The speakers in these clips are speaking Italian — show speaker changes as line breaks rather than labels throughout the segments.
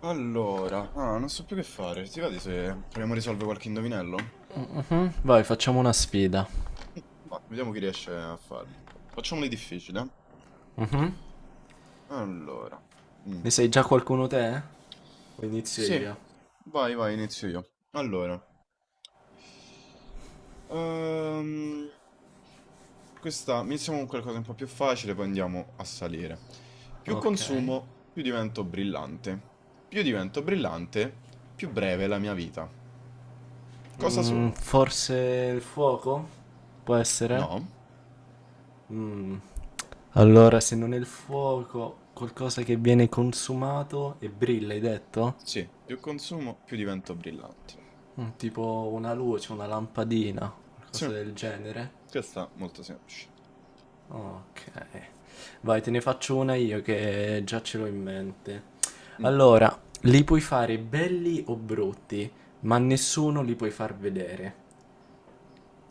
Allora, non so più che fare. Ti va di se proviamo a risolvere qualche indovinello?
Vai, facciamo una sfida.
Vediamo chi riesce a farli. Facciamoli difficili, eh? Allora. mm.
Ne sai già qualcuno te? O inizio
Sì,
io?
vai, inizio io. Allora. Ehm, Questa, iniziamo con qualcosa un po' più facile, poi andiamo a salire. Più
Ok.
consumo, più divento brillante. Più divento brillante, più breve è la mia vita. Cosa
Mm,
sono?
forse il fuoco? Può essere?
No?
Mm. Allora, se non è il fuoco, qualcosa che viene consumato e brilla, hai detto?
Sì, più consumo, più diventa brillante.
Mm, tipo una luce, una lampadina,
Sì,
qualcosa del genere.
questa è molto semplice.
Ok, vai, te ne faccio una io che già ce l'ho in mente.
Mm.
Allora, li puoi fare belli o brutti, ma
mm.
nessuno li puoi far vedere.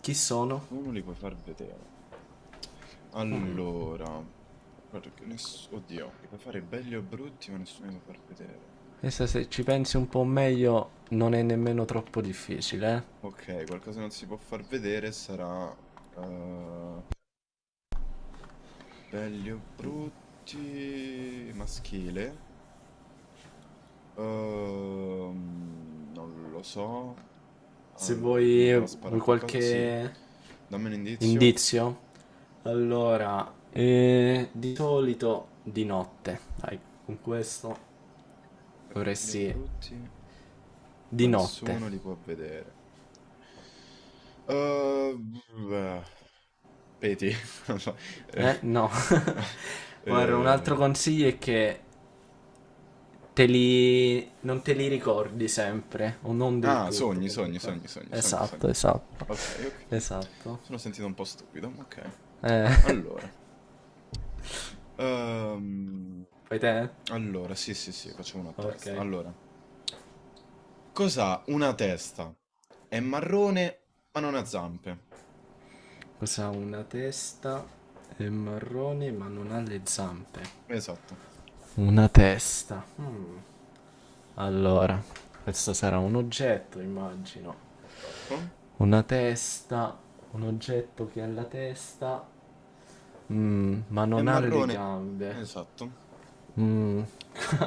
Chi sono?
Nessuno li puoi far vedere. Allora, Oddio, li puoi fare belli o brutti, ma nessuno li può far vedere.
Questa se ci pensi un po' meglio non è nemmeno troppo difficile, eh.
Ok, qualcosa che non si può far vedere sarà... eh, belli o brutti... maschile. Non lo so.
Se
Allora, come
vuoi,
prova a sparare
vuoi
a qualcosa? Sì.
qualche
Dammi un indizio.
indizio? Allora, di solito di notte. Dai, con questo
Belli o
dovresti...
brutti,
Di
ma
notte.
nessuno li può vedere. Uh, Peti. Non so, eh,
Eh? No.
no,
Guarda, un
eh,
altro consiglio è che te li... non te li ricordi sempre, o non del
ah,
tutto comunque. Esatto,
sogni.
esatto,
Ok, ok.
esatto.
Sono sentito un po' stupido, ma ok.
Eh,
Allora. ehm,
fai te?
allora, sì, sì, sì, facciamo una
Ok.
testa. Allora, cos'ha una testa? È marrone, ma non ha zampe.
Cosa ha una testa? È marrone ma non ha le zampe.
Esatto.
Una testa. Mm. Allora, questo sarà un oggetto, immagino.
Esatto.
Una testa, un oggetto che ha la testa, mm, ma
È
non ha le
marrone,
gambe.
esatto.
Mm,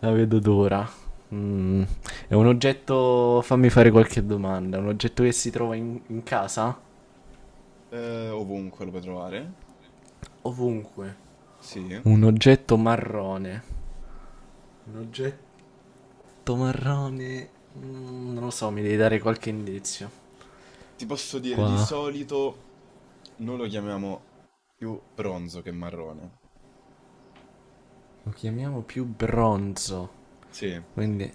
la vedo d'ora. Mm, è un oggetto, fammi fare qualche domanda, un oggetto che si trova in casa?
Ovunque lo puoi trovare,
Ovunque.
sì.
Un oggetto marrone. Un oggetto marrone... mm, non lo so, mi devi dare qualche indizio.
Ti posso dire, di
Qua
solito noi lo chiamiamo più bronzo che marrone.
lo chiamiamo più bronzo.
Sì,
Quindi,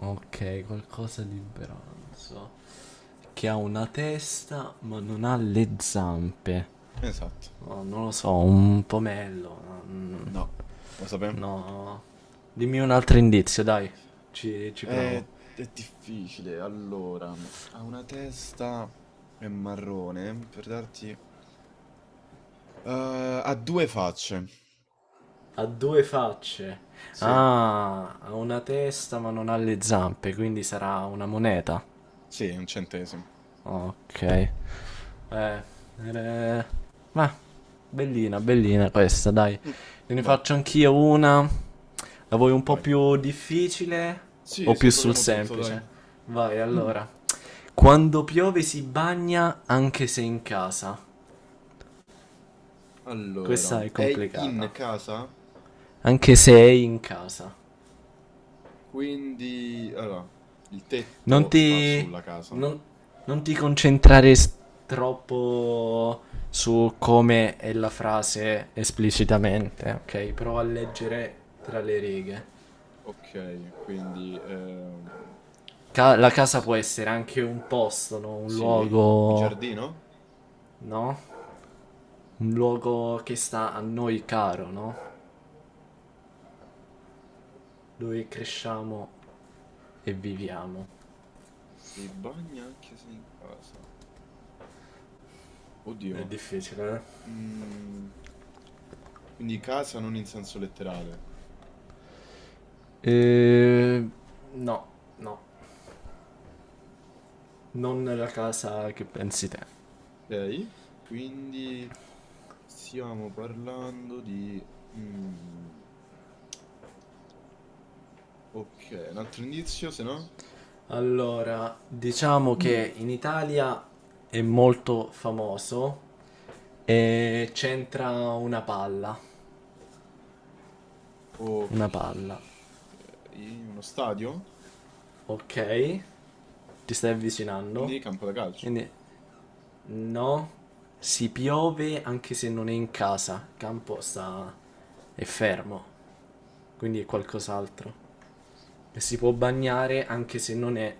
ok, qualcosa di bronzo. Che ha una testa ma non ha le zampe.
esatto.
No, non lo so, un pomello. Mm,
No, lo sapevo.
no. Dimmi un altro indizio, dai. Ci provo.
È difficile. Allora, ha una testa, è marrone, per darti... ha due facce.
Ha due facce.
Sì.
Ah, ha una testa ma non ha le zampe, quindi sarà una moneta.
Sì, è un centesimo.
Ok. Eh, eh, ma bellina, questa, dai.
Mm.
Ne
Vai,
faccio anch'io una. La vuoi un po'
vai.
più difficile
Sì,
o
sì,
più sul
proviamo tutto, dai.
semplice? Vai, allora. Quando piove si bagna anche se in casa.
Allora,
Questa è
è in
complicata.
casa,
Anche se è in casa.
quindi allora, il
Non
tetto sta
ti.
sulla casa.
Non, non ti concentrare troppo su come è la frase esplicitamente, ok? Prova a leggere tra le righe.
Ok, quindi
La casa
s-
può essere anche un posto, no? Un
sì, il
luogo,
giardino?
no? Un luogo che sta a noi caro, no? Dove cresciamo e viviamo.
Il bagno anche se in casa.
È
Oddio.
difficile, eh?
mm, quindi casa non in senso letterale.
Eh, No, no. Non la casa che pensi te.
Ok, quindi stiamo parlando di... mm, ok, un altro indizio, se no?
Allora, diciamo
Mm.
che in Italia è molto famoso e c'entra una palla.
Ok.
Una palla.
In uno stadio?
Ok? Ti stai avvicinando?
Quindi campo da calcio.
Quindi, no, si piove anche se non è in casa. Il campo sta... è fermo, quindi è qualcos'altro. E si può bagnare anche se non è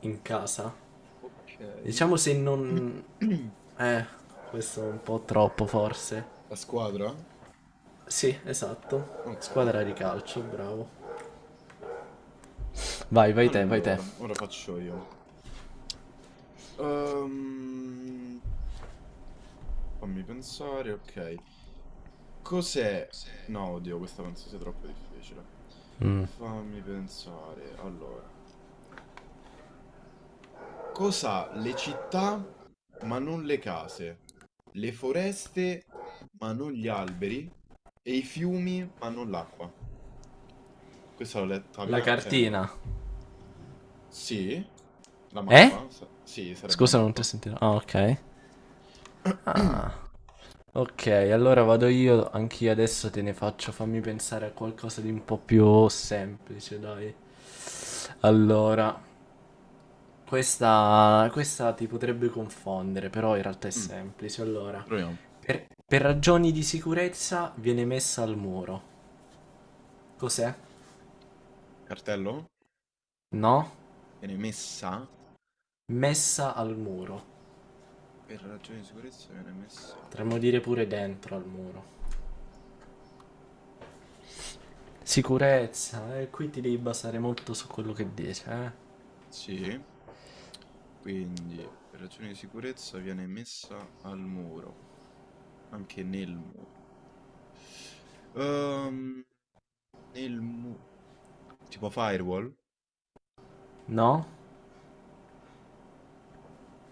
in casa.
Ok.
Diciamo se non... Eh, questo è un po' troppo forse.
La squadra?
Sì, esatto.
Ok.
Squadra di calcio, bravo. Vai, vai te, vai te.
Allora, ora faccio io. Ehm, Fammi pensare, ok. Cos'è? No, oddio, questa penso sia troppo difficile. Fammi pensare. Allora, cos'ha le città ma non le case? Le foreste ma non gli alberi? E i fiumi ma non l'acqua? Questa l'ho letta
La
via, cioè, no.
cartina.
Sì? La
Eh?
mappa? S Sì, sarebbe la
Scusa, non ti ho
mappa.
sentito. Ah, ok. Ah. Ok, allora vado io, anch'io adesso te ne faccio, fammi pensare a qualcosa di un po' più semplice, dai. Allora, questa ti potrebbe confondere, però in realtà è
Mh,
semplice. Allora,
proviamo.
per ragioni di sicurezza viene messa al muro. Cos'è?
Cartello?
No?
Viene messa
Messa al muro.
per ragioni di sicurezza viene messa
Potremmo
al
dire pure dentro al muro. Sicurezza, qui ti devi basare molto su quello che dice, eh?
Sì, quindi per ragioni di sicurezza viene messa al muro, anche nel muro. Ehm, nel mu Tipo firewall?
No?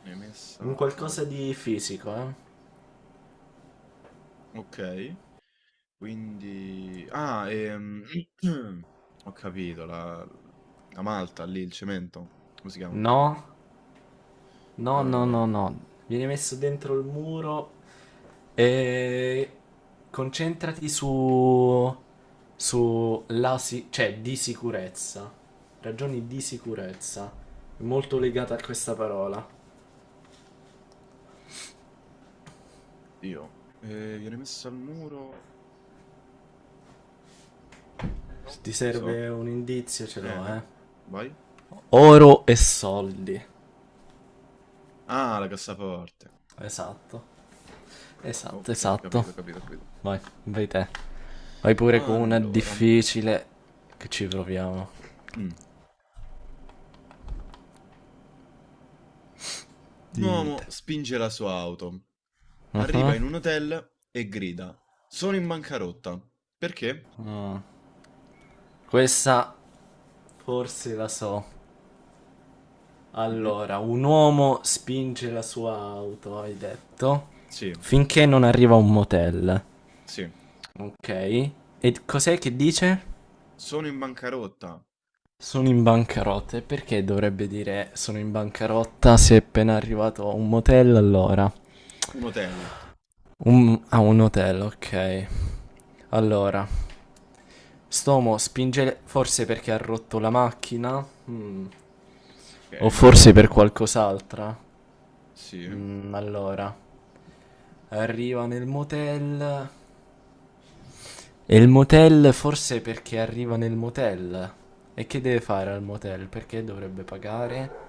Viene
Un
messa al
qualcosa di fisico, eh?
Okay, quindi ho capito, la malta lì, il cemento, come si chiama?
No? No, no,
Uhm,
no, no. Viene messo dentro il muro e concentrati su sulla cioè di sicurezza. Ragioni di sicurezza. È molto legata a questa parola.
Dio, viene messa al muro? "No, non
Se ti
lo so.
serve un indizio, ce l'ho,
Eh?
eh.
Vai.
Oro e soldi.
Ah, la cassaforte.
Esatto. Esatto,
Okay,
esatto.
capito, capito, capito.
Vai, vai te. Vai pure con una
Allora,
difficile che ci proviamo.
un
Dimmi
uomo
te.
spinge la sua auto,
Mhm.
arriva in un hotel e grida: "Sono in bancarotta." Perché?
Ah. Questa forse la so.
Mh-mh.
Allora, un uomo spinge la sua auto, hai detto,
Sì,
finché non arriva a un motel.
sì.
Ok. E cos'è che dice?
Sono in bancarotta.
Sono in bancarotta. E perché dovrebbe dire sono in bancarotta se è appena arrivato a un motel? Allora,
Un hotel,
un, a un hotel, ok. Allora, Stomo spinge forse perché ha rotto la macchina? Mm. O
okay, magari una
forse per
macchina off
qualcos'altra?
sì.
Mm, allora. Arriva nel motel. E il motel forse perché arriva nel motel. E che deve fare al motel? Perché dovrebbe pagare?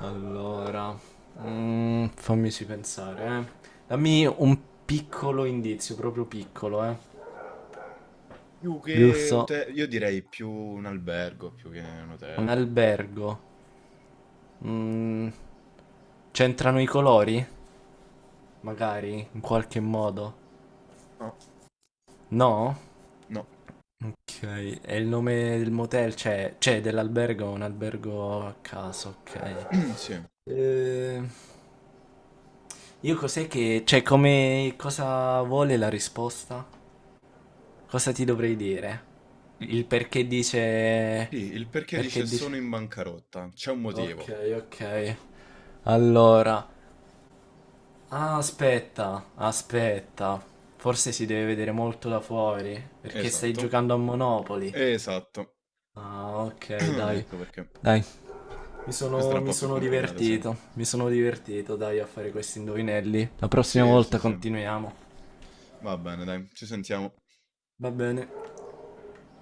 Allora, mm, fammici pensare, eh. Dammi un piccolo indizio, proprio piccolo, eh.
Più che
Giusto?
hote io direi più un albergo più che un
Un
hotel.
albergo. Mm, c'entrano i colori? Magari, in qualche modo.
No,
No?
no,
Ok, e il nome del motel c'è? C'è dell'albergo, un albergo a caso, ok.
sì.
Eh, io cos'è che... Cioè, come... Cosa vuole la risposta? Cosa ti dovrei dire? Il perché dice...
Sì, il perché dice:
Perché
"Sono
dice...
in bancarotta". C'è un
Ok,
motivo.
ok. Allora... Ah, aspetta, aspetta. Forse si deve vedere molto da fuori, perché stai
Esatto,
giocando a Monopoli.
esatto.
Ah, ok, dai.
Ecco perché.
Dai. Mi
Questa
sono,
era un
mi
po' più
sono
complicata, sì.
divertito, dai, a fare questi indovinelli. La prossima
Sì, sì,
volta
sì.
continuiamo.
Va bene dai, ci sentiamo.
Va bene.